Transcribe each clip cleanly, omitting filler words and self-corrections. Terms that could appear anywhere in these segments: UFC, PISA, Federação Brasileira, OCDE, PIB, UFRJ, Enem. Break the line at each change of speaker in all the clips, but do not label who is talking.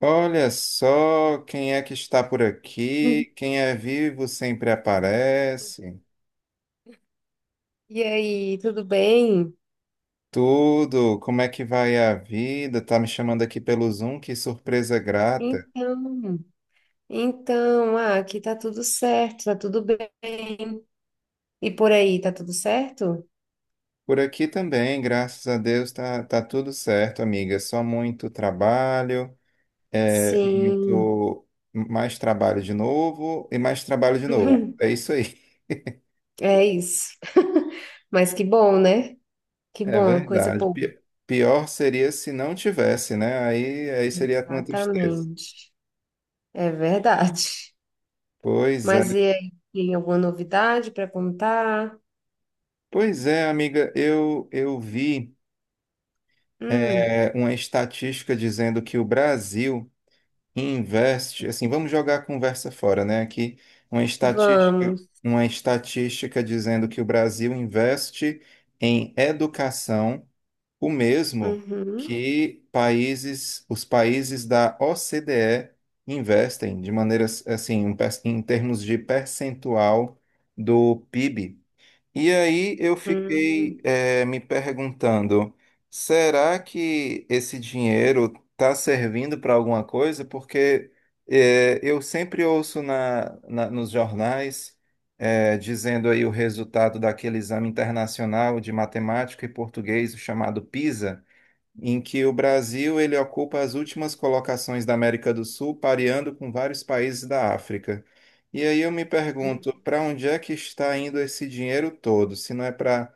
Olha só quem é que está por aqui. Quem é vivo sempre aparece.
E aí, tudo bem?
Tudo, como é que vai a vida? Tá me chamando aqui pelo Zoom, que surpresa grata.
Então, então, aqui tá tudo certo, tá tudo bem. E por aí, tá tudo certo?
Por aqui também, graças a Deus, tá tudo certo, amiga. Só muito trabalho,
Sim,
muito mais trabalho de novo e mais trabalho de novo. É isso aí.
é isso. Mas que bom, né? Que
É
bom, coisa
verdade.
boa.
Pior seria se não tivesse, né? Aí, seria uma tristeza.
Exatamente. É verdade.
Pois é.
Mas e aí, tem alguma novidade para contar?
Pois é, amiga, eu vi
Hum,
uma estatística dizendo que o Brasil investe, assim, vamos jogar a conversa fora, né? Aqui uma estatística,
vamos.
uma estatística dizendo que o Brasil investe em educação o mesmo
Uhum,
que os países da OCDE investem de maneiras assim, em termos de percentual do PIB. E aí eu
hum,
fiquei me perguntando, será que esse dinheiro está servindo para alguma coisa? Porque eu sempre ouço nos jornais dizendo aí o resultado daquele exame internacional de matemática e português chamado PISA em que o Brasil ele ocupa as últimas colocações da América do Sul, pareando com vários países da África. E aí eu me
hum.
pergunto, para onde é que está indo esse dinheiro todo? Se não é para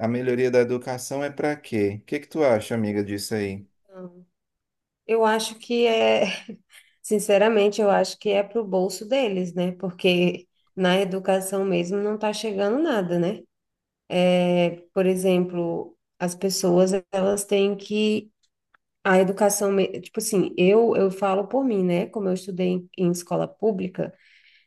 a melhoria da educação, é para quê? O que que tu acha, amiga, disso aí?
Não. Eu acho que é. Sinceramente, eu acho que é pro bolso deles, né? Porque na educação mesmo não está chegando nada, né? É, por exemplo, as pessoas, elas têm que a educação, tipo assim, eu falo por mim, né? Como eu estudei em escola pública,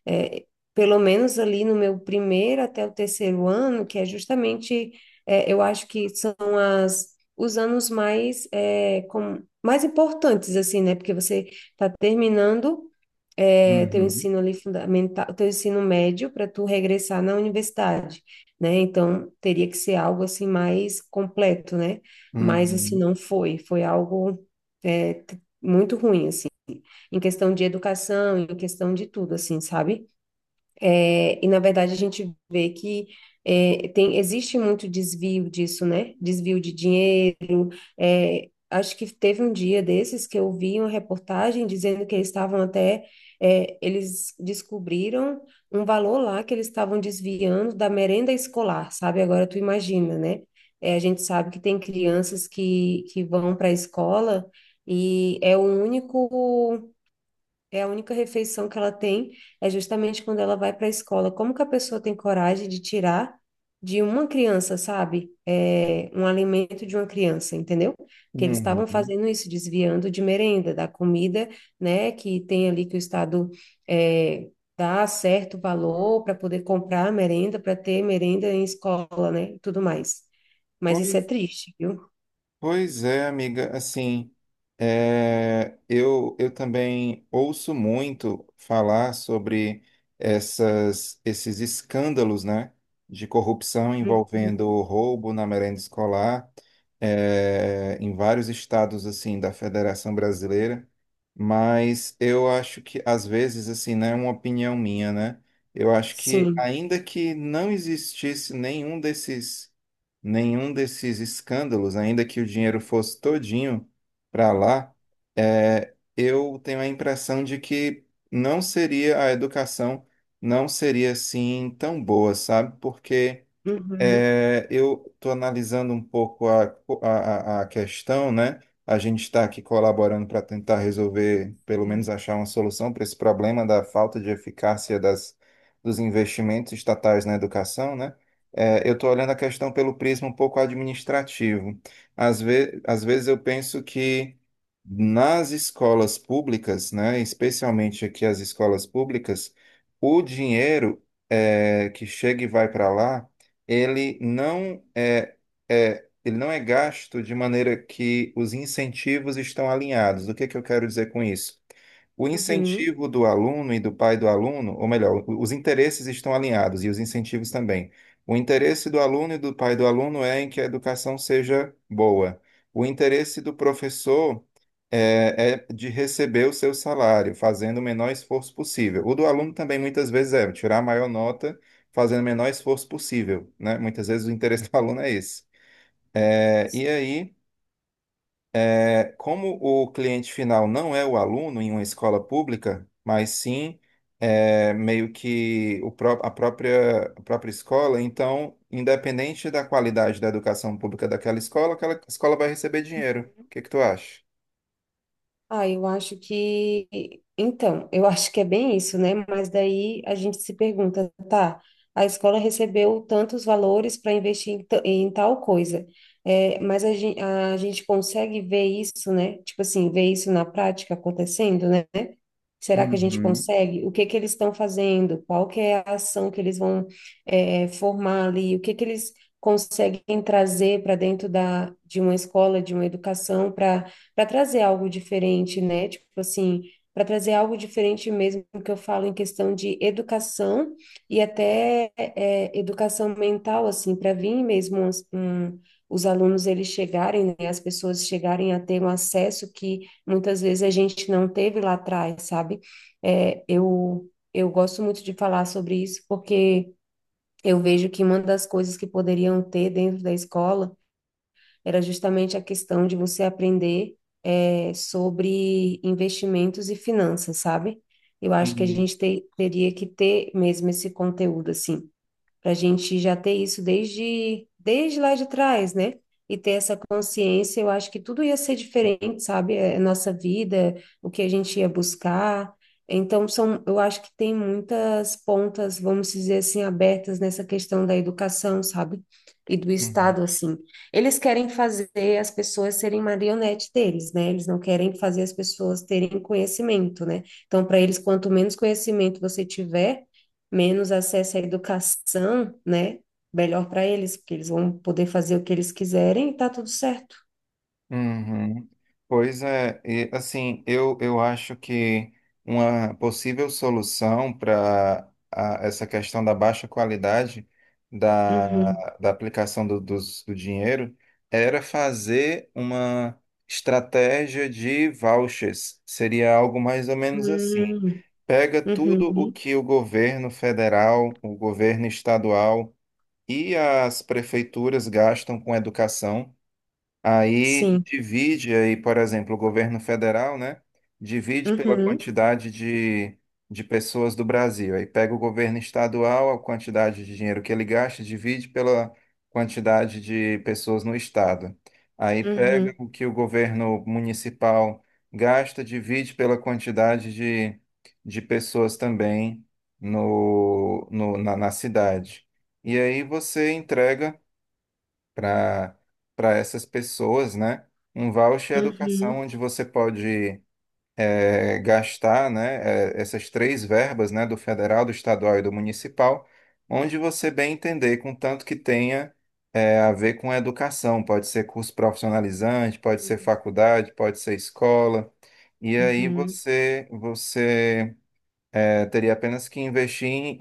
é, pelo menos ali no meu primeiro até o terceiro ano, que é justamente, eu acho que são os anos mais, mais importantes, assim, né? Porque você está terminando teu
Uhum,
ensino ali fundamental, teu ensino médio para tu regressar na universidade, né? Então teria que ser algo assim mais completo, né? Mas assim
uhum.
não foi, foi algo muito ruim assim, em questão de educação, em questão de tudo assim, sabe? E na verdade a gente vê que existe muito desvio disso, né? Desvio de dinheiro. Acho que teve um dia desses que eu vi uma reportagem dizendo que eles estavam eles descobriram um valor lá que eles estavam desviando da merenda escolar, sabe? Agora tu imagina, né? A gente sabe que tem crianças que vão para a escola e é o único. É a única refeição que ela tem é justamente quando ela vai para a escola. Como que a pessoa tem coragem de tirar de uma criança, sabe? Um alimento de uma criança, entendeu? Que eles estavam
Uhum.
fazendo isso, desviando de merenda, da comida, né? Que tem ali que o Estado é, dá certo valor para poder comprar merenda, para ter merenda em escola, né? E tudo mais. Mas isso é
Pois
triste, viu?
Pois é, amiga, assim, eu também ouço muito falar sobre esses escândalos, né, de corrupção
Hum.
envolvendo roubo na merenda escolar, em vários estados, assim, da Federação Brasileira, mas eu acho que, às vezes, assim, né, é uma opinião minha, né, eu acho que,
Sim.
ainda que não existisse nenhum desses escândalos, ainda que o dinheiro fosse todinho para lá, eu tenho a impressão de que não seria a educação, não seria assim tão boa, sabe? Porque
Uhum.
eu estou analisando um pouco a questão, né? A gente está aqui colaborando para tentar resolver, pelo
Sim.
menos achar uma solução para esse problema da falta de eficácia dos investimentos estatais na educação, né? É, eu estou olhando a questão pelo prisma um pouco administrativo. Às vezes eu penso que nas escolas públicas, né? Especialmente aqui as escolas públicas, o dinheiro que chega e vai para lá ele não é, ele não é gasto de maneira que os incentivos estão alinhados. O que é que eu quero dizer com isso? O
Uhum.
incentivo do aluno e do pai do aluno, ou melhor, os interesses estão alinhados e os incentivos também. O interesse do aluno e do pai do aluno é em que a educação seja boa. O interesse do professor é de receber o seu salário, fazendo o menor esforço possível. O do aluno também muitas vezes é tirar a maior nota, fazendo o menor esforço possível, né? Muitas vezes o interesse do aluno é esse. E aí como o cliente final não é o aluno em uma escola pública, mas sim meio que a própria escola, então, independente da qualidade da educação pública daquela escola, aquela escola vai receber dinheiro. O que que tu acha?
Ah, eu acho que. Então, eu acho que é bem isso, né? Mas daí a gente se pergunta, tá? A escola recebeu tantos valores para investir em tal coisa, mas a gente consegue ver isso, né? Tipo assim, ver isso na prática acontecendo, né? Será que a gente
Uhum.
consegue? O que que eles estão fazendo? Qual que é a ação que eles vão formar ali? O que que eles conseguem trazer para dentro de uma escola, de uma educação, para trazer algo diferente, né? Tipo assim, para trazer algo diferente mesmo que eu falo em questão de educação e até educação mental, assim, para vir mesmo os alunos eles chegarem, né? As pessoas chegarem a ter um acesso que muitas vezes a gente não teve lá atrás, sabe? Eu gosto muito de falar sobre isso porque eu vejo que uma das coisas que poderiam ter dentro da escola era justamente a questão de você aprender sobre investimentos e finanças, sabe? Eu acho que a
Sim.
gente teria que ter mesmo esse conteúdo, assim para a gente já ter isso desde lá de trás, né? E ter essa consciência, eu acho que tudo ia ser diferente, sabe? A nossa vida, o que a gente ia buscar. Então, eu acho que tem muitas pontas, vamos dizer assim, abertas nessa questão da educação, sabe? E do
Uhum.
Estado, assim. Eles querem fazer as pessoas serem marionete deles, né? Eles não querem fazer as pessoas terem conhecimento, né? Então, para eles, quanto menos conhecimento você tiver, menos acesso à educação, né? Melhor para eles, porque eles vão poder fazer o que eles quiserem e tá tudo certo.
Uhum. Pois é, e, assim, eu acho que uma possível solução para essa questão da baixa qualidade da,
Uhum.
da aplicação do dinheiro era fazer uma estratégia de vouchers. Seria algo mais ou menos assim.
Hum.
Pega tudo o
Uhum.
que o governo federal, o governo estadual e as prefeituras gastam com educação. Aí
Sim.
divide aí, por exemplo, o governo federal, né? Divide pela
Uhum.
quantidade de pessoas do Brasil. Aí pega o governo estadual, a quantidade de dinheiro que ele gasta, divide pela quantidade de pessoas no estado. Aí pega
Uhum.
o que o governo municipal gasta, divide pela quantidade de pessoas também no, no, na na cidade. E aí você entrega para para essas pessoas, né? Um voucher é educação
Uhum.
onde você pode gastar, né? Essas três verbas, né? Do federal, do estadual e do municipal, onde você bem entender, contanto que tenha a ver com a educação. Pode ser curso profissionalizante, pode ser
Sim.
faculdade, pode ser escola. E aí
Uhum.
você teria apenas que investir em,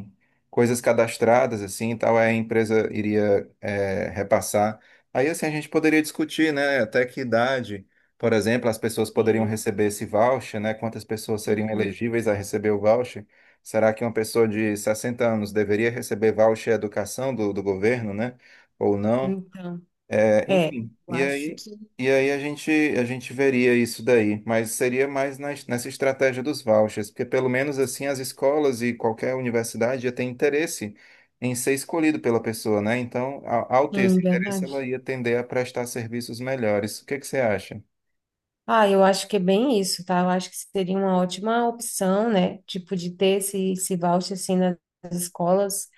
em coisas cadastradas, assim, e tal, aí a empresa iria, repassar. Aí, assim, a gente poderia discutir, né, até que idade, por exemplo, as pessoas poderiam
Sim.
receber esse voucher, né, quantas pessoas seriam
Uhum.
elegíveis a receber o voucher. Será que uma pessoa de 60 anos deveria receber voucher educação do governo, né, ou não?
Então, é,
Enfim,
eu
e
acho
aí,
que
e aí a gente veria isso daí, mas seria mais nessa estratégia dos vouchers, porque pelo menos assim as escolas e qualquer universidade ia ter interesse em ser escolhido pela pessoa, né? Então, ao ter
sim,
esse interesse,
verdade.
ela ia tender a prestar serviços melhores. O que que você acha?
Ah, eu acho que é bem isso, tá? Eu acho que seria uma ótima opção, né? Tipo, de ter esse voucher, assim, nas escolas.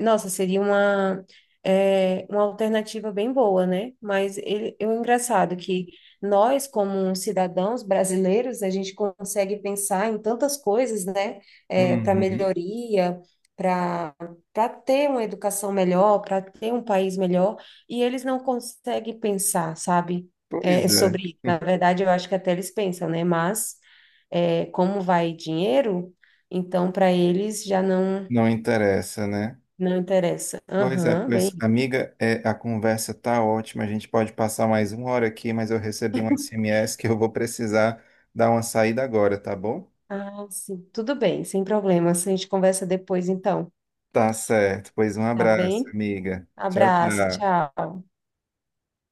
Nossa, seria uma alternativa bem boa, né? É engraçado que nós, como cidadãos brasileiros, a gente consegue pensar em tantas coisas, né? Para
Uhum.
melhoria, para para ter uma educação melhor, para ter um país melhor, e eles não conseguem pensar, sabe? é,
Pois
é
é,
sobre isso. Na verdade, eu acho que até eles pensam, né? Mas como vai dinheiro, então para eles já não
não interessa, né?
não interessa.
Pois é,
Aham,
pois,
bem.
amiga, a conversa tá ótima. A gente pode passar mais uma hora aqui, mas eu recebi um SMS que eu vou precisar dar uma saída agora, tá bom?
Ah, sim. Tudo bem, sem problemas. A gente conversa depois, então.
Tá certo. Pois um
Tá
abraço,
bem?
amiga. Tchau,
Abraço,
tchau.
tchau.